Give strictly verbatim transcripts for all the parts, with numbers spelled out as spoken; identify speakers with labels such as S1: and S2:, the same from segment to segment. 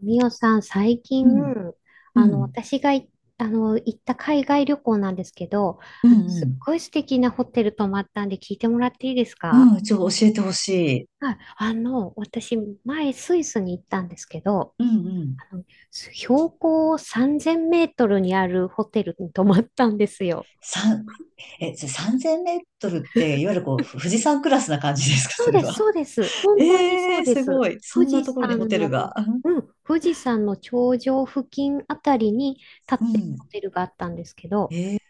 S1: みおさん、最近、
S2: うん、う
S1: あの、
S2: ん、
S1: 私がい、あの、行った海外旅行なんですけど、
S2: うん、
S1: あの、
S2: う
S1: すっ
S2: ん。
S1: ごい素敵なホテル泊まったんで聞いてもらっていいですか？
S2: うん、ちょっと教えてほしい。
S1: はい。あの、私、前、スイスに行ったんですけど、
S2: うん、うん。
S1: あの、標高さんぜんメートルにあるホテルに泊まったんですよ。
S2: 三、え、それさんぜんメートルって、いわゆるこう、ふ富士山クラスな感じですか、
S1: そ
S2: そ
S1: う
S2: れ
S1: です、
S2: は。
S1: そうです。本当に
S2: え
S1: そ
S2: え
S1: う
S2: ー、
S1: で
S2: す
S1: す。
S2: ごい。そ
S1: 富
S2: んな
S1: 士
S2: ところにホ
S1: 山
S2: テルが。
S1: の、うん、富士山の頂上付近あたりに立っ
S2: う
S1: てる
S2: ん。
S1: ホテルがあったんですけど、
S2: えー、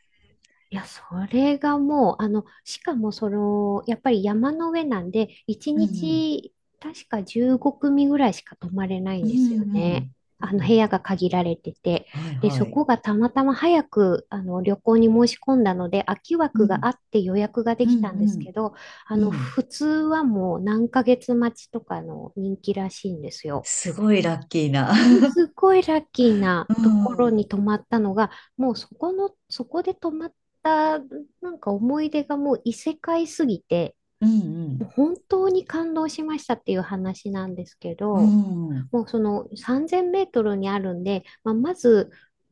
S1: いや、それがもう、あの、しかもその、やっぱり山の上なんで、1
S2: うん、
S1: 日、確かじゅうごくみ組ぐらいしか泊まれない
S2: う
S1: ん
S2: ん、
S1: です
S2: う
S1: よね。
S2: んうん、
S1: あ
S2: う
S1: の、部
S2: ん。
S1: 屋が限られてて。
S2: はい、
S1: で、
S2: は
S1: そ
S2: い。
S1: こがたまたま早く、あの、旅行に申し込んだので、空き
S2: う
S1: 枠があ
S2: ん、
S1: って予約がで
S2: うん、
S1: きたん
S2: う
S1: です
S2: ん、
S1: けど、あ
S2: う
S1: の、
S2: ん。
S1: 普通はもう何ヶ月待ちとかの人気らしいんですよ。
S2: すごいラッキーな。
S1: す ごいラッキーな
S2: う
S1: ところに
S2: ん、
S1: 泊まったのが、もうそこの、そこで泊まった、なんか思い出がもう異世界すぎて、
S2: う
S1: もう
S2: ん、
S1: 本当に感動しましたっていう話なんですけ
S2: う
S1: ど、
S2: ん、うん。
S1: もうそのさんぜんメートルにあるんで、まあ、まず、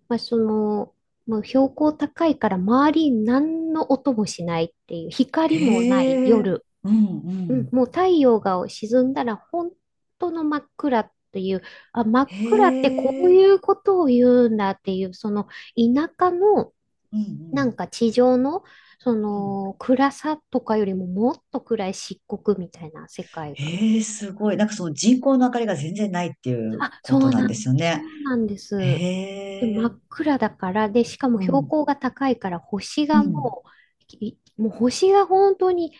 S1: まあ、その、もう標高高いから周りに何の音もしないっていう、光もない
S2: へえ、
S1: 夜、
S2: うん、う
S1: うん、
S2: ん。
S1: もう太陽が沈んだら本当の真っ暗という、あ、真っ
S2: へ
S1: 暗ってこう
S2: え、
S1: いうことを言うんだっていう、その田舎の、
S2: うん、う
S1: なん
S2: ん。
S1: か地上のそ
S2: うん
S1: の暗さとかよりももっと暗い漆黒みたいな世界が。
S2: ええ、すごい。なんかその人工の明かりが全然ないっていう
S1: あ、
S2: こ
S1: そ
S2: と
S1: う
S2: なん
S1: な
S2: で
S1: ん、
S2: すよ
S1: そ
S2: ね。
S1: うなんで
S2: へ
S1: す。で、真
S2: え、
S1: っ暗だから、で、しかも
S2: う
S1: 標
S2: ん、
S1: 高が高いから、星
S2: う
S1: が
S2: ん、
S1: もう、きもう星が本当に、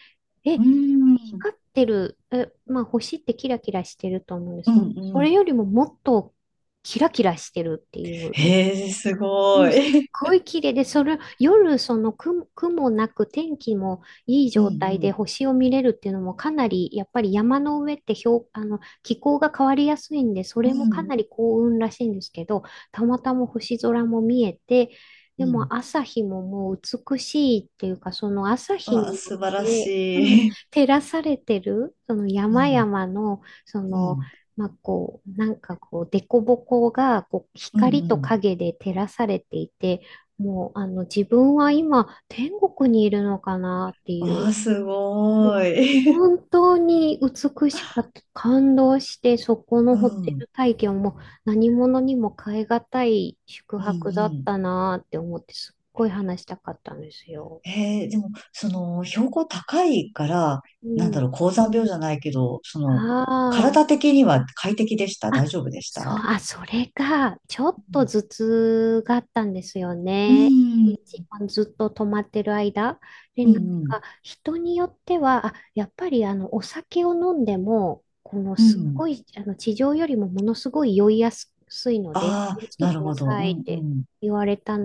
S1: え、
S2: うん、
S1: 光ってる、え、まあ星ってキラキラしてると思うんで
S2: う
S1: すけど、
S2: ん、う
S1: それ
S2: ん。
S1: よりももっとキラキラしてるっていう、
S2: へえ、す
S1: う
S2: ご
S1: ん、すっ
S2: い。
S1: ごい綺麗で、それ、夜、その雲、雲なく天気もいい
S2: う
S1: 状態
S2: ん、う
S1: で
S2: ん、
S1: 星を見れるっていうのもかなり、やっぱり山の上って標あの、気候が変わりやすいんで、そ
S2: うん、
S1: れも
S2: う
S1: かな
S2: ん。
S1: り幸運らしいんですけど、たまたま星空も見えて、
S2: う
S1: で
S2: ん
S1: も朝日ももう美しいっていうか、その朝日
S2: わ
S1: に
S2: あ、
S1: よっ
S2: 素晴ら
S1: て、うん、
S2: しい。
S1: 照らされてる、その
S2: う
S1: 山
S2: ん、
S1: 々の、そ
S2: う
S1: の、
S2: ん、
S1: まあ、こう、なんかこう、凸凹がこう
S2: うん、う
S1: 光と
S2: ん。
S1: 影で照らされていて、もう、あの、自分は今、天国にいるのかなってい
S2: わ
S1: う、
S2: あ、すごい。
S1: 本当に美しかった。感動して、そこ の
S2: う
S1: ホテ
S2: ん、うん、
S1: ル体験も何者にも代えがたい宿
S2: う
S1: 泊だっ
S2: ん。
S1: たなって思って、すっごい話したかったんですよ。
S2: えー、でも、その、標高高いから、
S1: う
S2: なんだ
S1: ん。
S2: ろう、高山病じゃないけど、その、
S1: あ
S2: 体
S1: あ。
S2: 的には快適でした、大
S1: あ、
S2: 丈夫でし
S1: そう、
S2: た？
S1: あ、それが、ちょっ
S2: う
S1: と
S2: ん。
S1: 頭痛があったんですよ
S2: う
S1: ね。
S2: ん、
S1: 一番ずっと止まってる間。で、
S2: うん、
S1: なん
S2: うん。
S1: か、人によっては、あ、やっぱり、あの、お酒を飲んでも、この、
S2: う
S1: すっ
S2: ん
S1: ごい、あの、地上よりもものすごい酔いやすいので、
S2: あ
S1: 気を
S2: あ、
S1: つけ
S2: な
S1: て
S2: る
S1: くだ
S2: ほど。
S1: さ
S2: う
S1: いっ
S2: ん、う
S1: て
S2: ん、
S1: 言われた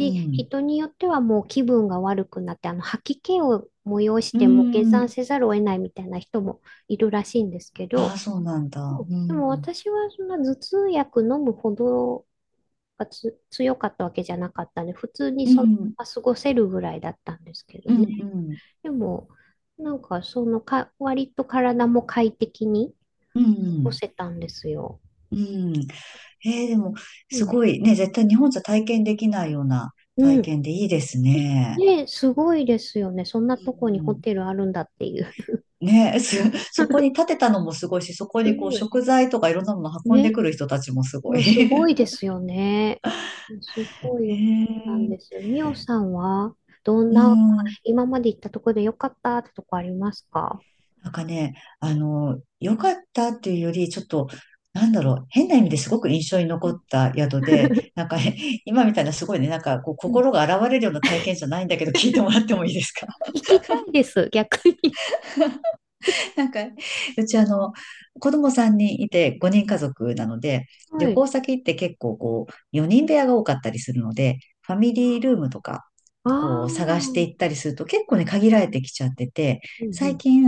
S2: うん。
S1: 人によってはもう気分が悪くなって、あの、吐き気を催し
S2: う
S1: ても、下
S2: ん。
S1: 山せざるを得ないみたいな人もいるらしいんですけ
S2: ああ、
S1: ど、
S2: そうなんだ。
S1: うん、
S2: う
S1: でも
S2: ん。
S1: 私はそんな頭痛薬飲むほどがつ強かったわけじゃなかったんで、普通に
S2: う
S1: その
S2: ん、
S1: まま過ごせるぐらいだったんですけど
S2: うん、
S1: ね。
S2: うん、
S1: でも、なんかそのか、割と体も快適に
S2: う
S1: 過ご
S2: ん。
S1: せたんですよ。
S2: うんえー、でも、
S1: う
S2: す
S1: ん。
S2: ごいね、絶対日本じゃ体験できないような
S1: う
S2: 体
S1: ん。
S2: 験でいいですね。
S1: ね、すごいですよね。そんな
S2: う
S1: とこにホ
S2: ん
S1: テルあるんだっていう。
S2: ね、す、そこに建てたのもすごいし、そ こ
S1: す
S2: にこう
S1: ごい。
S2: 食材とかいろんなもの運んで
S1: ね。
S2: くる人たちもすご
S1: う
S2: い。
S1: ん、すご いですよね。す
S2: へ
S1: ごい良かったん
S2: え、
S1: です。みおさんは、どん
S2: う
S1: な、
S2: ん。
S1: 今まで行ったところで良かったってとこありますか？
S2: なんかね、あの、良かったっていうより、ちょっと、なんだろう、変な意味ですごく印象に
S1: う
S2: 残っ
S1: ん。
S2: た宿で、なんかね 今みたいなすごいね、なんかこう
S1: うん。
S2: 心が洗われるような体験じゃないんだけど、聞いてもらってもいいですか？
S1: 聞きたいです、逆に。
S2: なんか、うちあの、子供さんにんいてごにん家族なので、
S1: は
S2: 旅
S1: い。
S2: 行先って結構こう、よにん部屋が多かったりするので、ファミリールームとか、
S1: ああ、
S2: こう、探し
S1: う
S2: て
S1: ん、
S2: いったりすると結構ね、限られてきちゃってて、
S1: う
S2: 最
S1: ん。
S2: 近、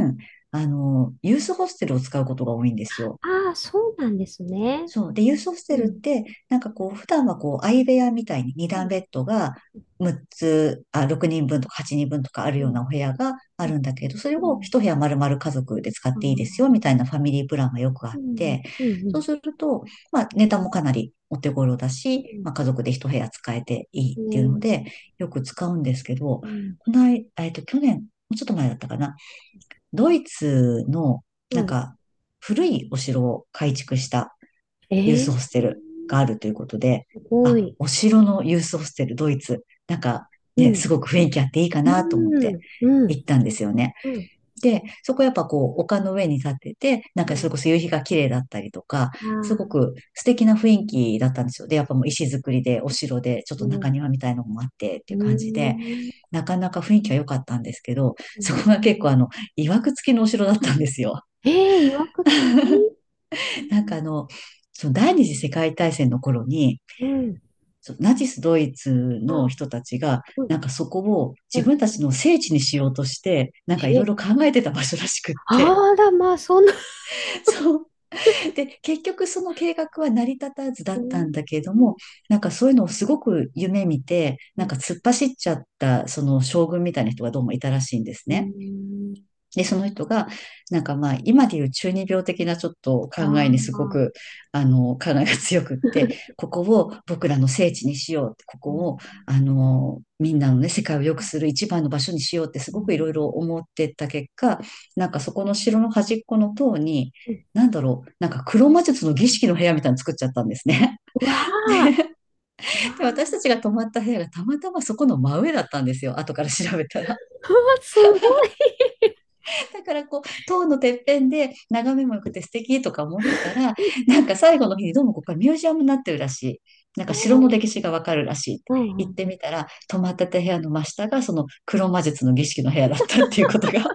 S2: あの、ユースホステルを使うことが多いんですよ。
S1: ああ、そうなんですね。
S2: そう。で、ユースホス
S1: う
S2: テルっ
S1: ん。
S2: て、なんかこう、普段はこう、相部屋みたいにに
S1: う
S2: 段
S1: ん。
S2: ベッドがむっつ、あ、ろくにんぶんとかはちにんぶんとかある
S1: う
S2: よう
S1: ん。
S2: なお部屋があ
S1: う
S2: る
S1: ん。
S2: んだけど、それ
S1: う
S2: を
S1: ん。
S2: 一部屋丸々家族で使っ
S1: ああ、
S2: ていいですよ、みたいなファミリープランがよくあっ
S1: うん。
S2: て、
S1: うん。う
S2: そう
S1: ん。
S2: すると、まあ、ネタもかなりお手頃だ
S1: う
S2: し、まあ、家族で一部屋使えていいっ
S1: ん、
S2: ていうの
S1: ね。
S2: で、よく使うんですけど、
S1: うん。
S2: この間、えっと、去年、もうちょっと前だったかな、ドイツの、
S1: う
S2: なん
S1: ん。
S2: か、古いお城を改築した
S1: え
S2: ユース
S1: ー、
S2: ホステルがあるということで、
S1: すご
S2: あ、
S1: い。
S2: お城のユースホステル、ドイツ、なんか
S1: う
S2: ね、
S1: ん。
S2: すごく雰囲気あっていいか
S1: う
S2: なと思って
S1: ん。う
S2: 行
S1: ん。
S2: ったんですよね。
S1: うん。
S2: で、そこやっぱこう、丘の上に立ってて、なん
S1: う
S2: か
S1: ん。
S2: それこそ夕日が綺麗だったりとか、
S1: あ
S2: す
S1: あ、
S2: ごく素敵な雰囲気だったんですよ。で、やっぱもう石造りで、お城で、ちょっ
S1: う
S2: と中
S1: ん。
S2: 庭みたいなのもあってって
S1: う
S2: いう感じで、
S1: ー
S2: なかなか雰囲気は良かったんですけど、
S1: ん。
S2: そこが結構あの、曰く付きのお城だったんですよ。
S1: ええ、いわくつき、うん。
S2: なんかあの、その第二次世界大戦の頃に、
S1: うん。
S2: そうナチスドイツの
S1: あ、
S2: 人たちが、
S1: うん。
S2: なんかそこを
S1: う
S2: 自
S1: ん。
S2: 分たちの聖地にしようとして、なんかいろい
S1: え、
S2: ろ考えてた場所らしくって。
S1: あら、まあ、そんな。
S2: そう。で、結局その計画は成り立たずだ
S1: う
S2: ったん
S1: ん。
S2: だけれども、なんかそういうのをすごく夢見て、
S1: う
S2: なん
S1: ん。
S2: か突っ走っちゃった、その将軍みたいな人がどうもいたらしいんです
S1: う
S2: ね。
S1: ん、
S2: で、その人が、なんかまあ、今でいう中二病的なちょっと
S1: あ
S2: 考えにすご
S1: あ。
S2: く、あの、考えが強くって、ここを僕らの聖地にしよう、こ
S1: う
S2: こ
S1: ー
S2: を、
S1: ん。
S2: あの、みんなのね、世界を良く
S1: うん、
S2: する一番の場所にしようって、す
S1: う
S2: ごくいろいろ
S1: ん、
S2: 思ってった結果、なんかそこの城の端っこの塔に、
S1: う
S2: なんだろう、なんか黒魔術の儀式の部屋みたいなの作っちゃったんですね。
S1: わあ。うわ
S2: で、私たち
S1: あ。
S2: が泊まった部屋がたまたまそこの真上だったんですよ、後から調べたら。
S1: うわ、すごい。
S2: だからこう、塔のてっぺんで眺めも良くて素敵とか思ってたら、なんか最後の日にどうもここはミュージアムになってるらしい。なん
S1: お
S2: か城の
S1: ー、
S2: 歴史がわかるらし
S1: うん、
S2: い。
S1: う
S2: 行って
S1: ん。
S2: みたら、泊まってた部屋の真下がその黒魔術の儀式の部屋だったっていうことがあっ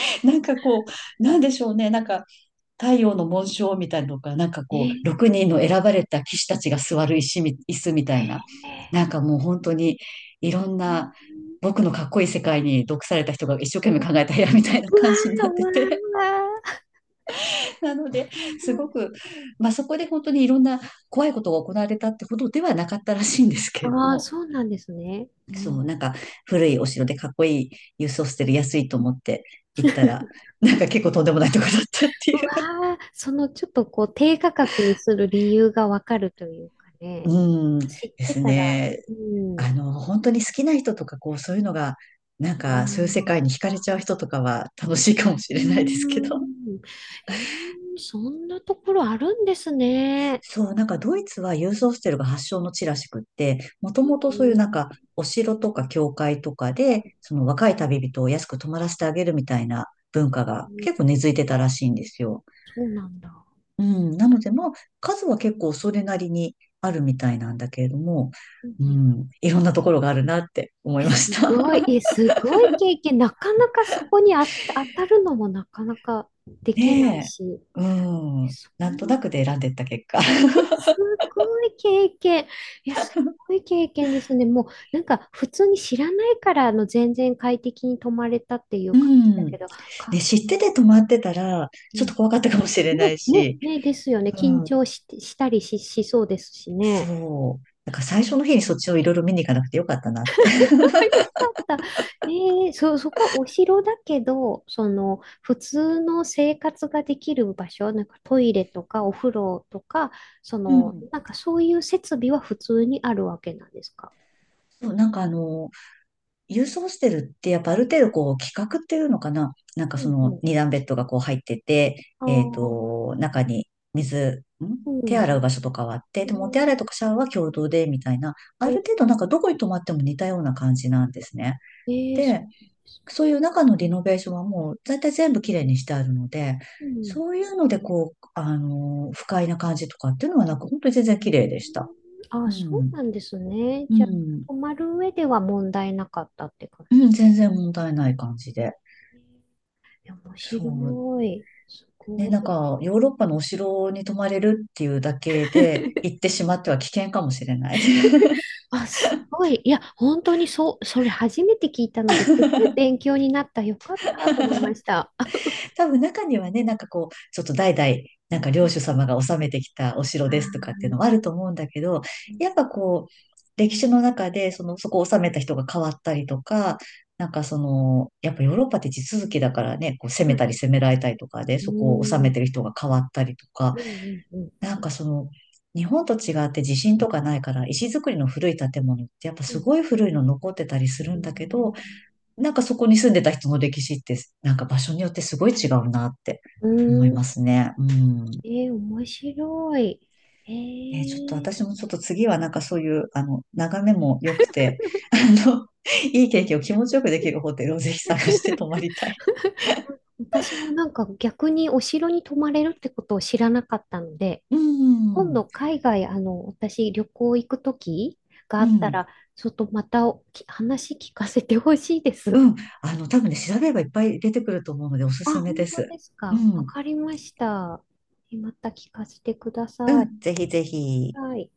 S2: て、なんかこう、なんでしょうね、なんか太陽の紋章みたいなのが、なんかこう、
S1: ええ、
S2: ろくにんの選ばれた騎士たちが座る石み、椅子みた
S1: へ
S2: い
S1: え、
S2: な、なんかもう本当にいろんな、僕のかっこいい世界に毒された人が一生懸命
S1: うわ、
S2: 考えた部屋みたいな感じになっ
S1: う
S2: て
S1: わ、
S2: て、
S1: うわ、
S2: なので、
S1: す
S2: す
S1: ごい、
S2: ごく、まあそこで本当にいろんな怖いことが行われたってほどではなかったらしいんですけれど
S1: ああ、
S2: も、
S1: そうなんですね。う
S2: そ
S1: ん。
S2: う、なんか古いお城でかっこいい郵送してる安いと思って行ったら、なんか結構とんでもないとこだったって
S1: う
S2: いう。
S1: わー、そのちょっとこう低価格にする理由がわかるというかね、
S2: うん、で
S1: 知って
S2: す
S1: たら、
S2: ね。
S1: うん、
S2: あの、本当に好きな人とか、こう、そういうのが、なん
S1: あ
S2: か、そういう世
S1: ー、
S2: 界に惹かれちゃう人とかは楽しいかもし
S1: うー
S2: れないですけど。
S1: ん、えー、そんなところあるんですね。
S2: そう、なんかドイツはユースホステルが発祥の地らしくって、も
S1: え
S2: ともとそういう
S1: ー、
S2: なんか、お城とか教会とかで、その若い旅人を安く泊まらせてあげるみたいな文化が結構根付いてたらしいんですよ。
S1: そうなんだ。
S2: うん、なので、まあ、数は結構それなりにあるみたいなんだけれども、
S1: うん、
S2: う
S1: うん、
S2: ん、いろんなところがあるなって思い
S1: え、
S2: まし
S1: すごい、
S2: た。
S1: え、すごい経験、なかなかそこにあ当たるのもなかなかできない
S2: ね
S1: し、
S2: え。うん。
S1: そん
S2: なんと
S1: な
S2: なくで選んでった結果。
S1: すごい経験。いや、すごい経験ですね。もう、なんか、普通に知らないから、あの、全然快適に泊まれたっていう
S2: う
S1: 感じだけ
S2: ん。
S1: ど、
S2: ね、
S1: か、
S2: 知ってて止まってたら、
S1: う
S2: ちょっと
S1: ん。
S2: 怖かったかもしれな
S1: ね、
S2: い
S1: ね、
S2: し。
S1: ね、ですよね。
S2: う
S1: 緊
S2: ん。
S1: 張し、したりし、しそうですしね。
S2: そう。なんか最初の日にそっちをいろいろ見に行かなくてよかったなって。
S1: よかった。えー、そ、そこはお城だけど、その、普通の生活ができる場所、なんかトイレとかお風呂とか、そ
S2: う
S1: の、
S2: ん。
S1: なんかそういう設備は普通にあるわけなんですか？
S2: そう、なんかあの、郵送してるって、やっぱある程度こう、規格っていうのかな、なんか
S1: う
S2: そ
S1: ん、う
S2: の
S1: ん。
S2: 二段ベッドがこう入ってて、えっと、中に水、ん
S1: う
S2: 手
S1: ん。
S2: 洗う場所とかはあって、
S1: え
S2: でもお手洗いとかシャワーは共同で、みたいな、ある程度なんかどこに泊まっても似たような感じなんですね。
S1: ー、えー、そ
S2: で、
S1: うなんですね。
S2: そういう中のリノベーションはもう、大体全部きれいにしてあるので、
S1: うん。
S2: そういうのでこう、あのー不快な感じとかっていうのはなく、本当に全然綺
S1: う
S2: 麗
S1: ん、
S2: でした。
S1: あ、
S2: う
S1: そう
S2: ん。
S1: なんですね。
S2: う
S1: じゃあ、
S2: ん。
S1: 泊まる上では問題なかったって感
S2: う
S1: じ。
S2: ん、全然問題ない感じで。
S1: えー、面
S2: そう。
S1: 白い。す
S2: ね、
S1: ご
S2: な
S1: い。
S2: んか、ヨーロッパのお城に泊まれるっていうだけで、行っ てしまっては危険かもしれない。
S1: あ、すごい。いや、本当にそう、それ初めて聞いたので、すごい勉強になった。よかったと思いま した。あ、
S2: 多分中にはね、なんかこう、ちょっと代々、なんか領主様が治めてきたお城ですとか
S1: あ、
S2: っていうのもあると思うんだけど、
S1: う
S2: やっぱこう、歴史の中で、その、そこを治めた人が変わったりとか、なんかその、やっぱヨーロッパって地続きだからね、こう攻め
S1: ん、
S2: たり攻められたりとかで、
S1: う
S2: そこを治め
S1: ん、
S2: てる人が変わったりとか、
S1: うん、うん、うん、
S2: なんかその、日本と違って地震とかないから、石造りの古い建物ってやっぱ
S1: う
S2: す
S1: ん、
S2: ごい古いの残ってたりする
S1: う
S2: んだけど、
S1: ん、
S2: なんかそこに住んでた人の歴史って、なんか場所によってすごい違うなって
S1: う
S2: 思いま
S1: ん、
S2: すね。うん。
S1: えー、面白い。え
S2: ね、ちょっと
S1: ー、
S2: 私もちょっと次はなんかそういう、あの、眺めも良くて、あの、いい経験を気持ちよくできるホテルをぜひ探して泊まりたい。
S1: 私もなんか逆にお城に泊まれるってことを知らなかったので、
S2: う
S1: 今
S2: ん。
S1: 度海外、あの、私旅行行くときが
S2: う
S1: あった
S2: ん。
S1: ら、ちょっとまたおき話聞かせてほしいです。
S2: うん。あの、多分ね、調べればいっぱい出てくると思うのでおすす
S1: あ、
S2: めで
S1: 本当
S2: す。
S1: です
S2: う
S1: か。わ
S2: ん。
S1: かりました。え、また聞かせてくだ
S2: う
S1: さい。
S2: ん、ぜひぜひ。
S1: はい。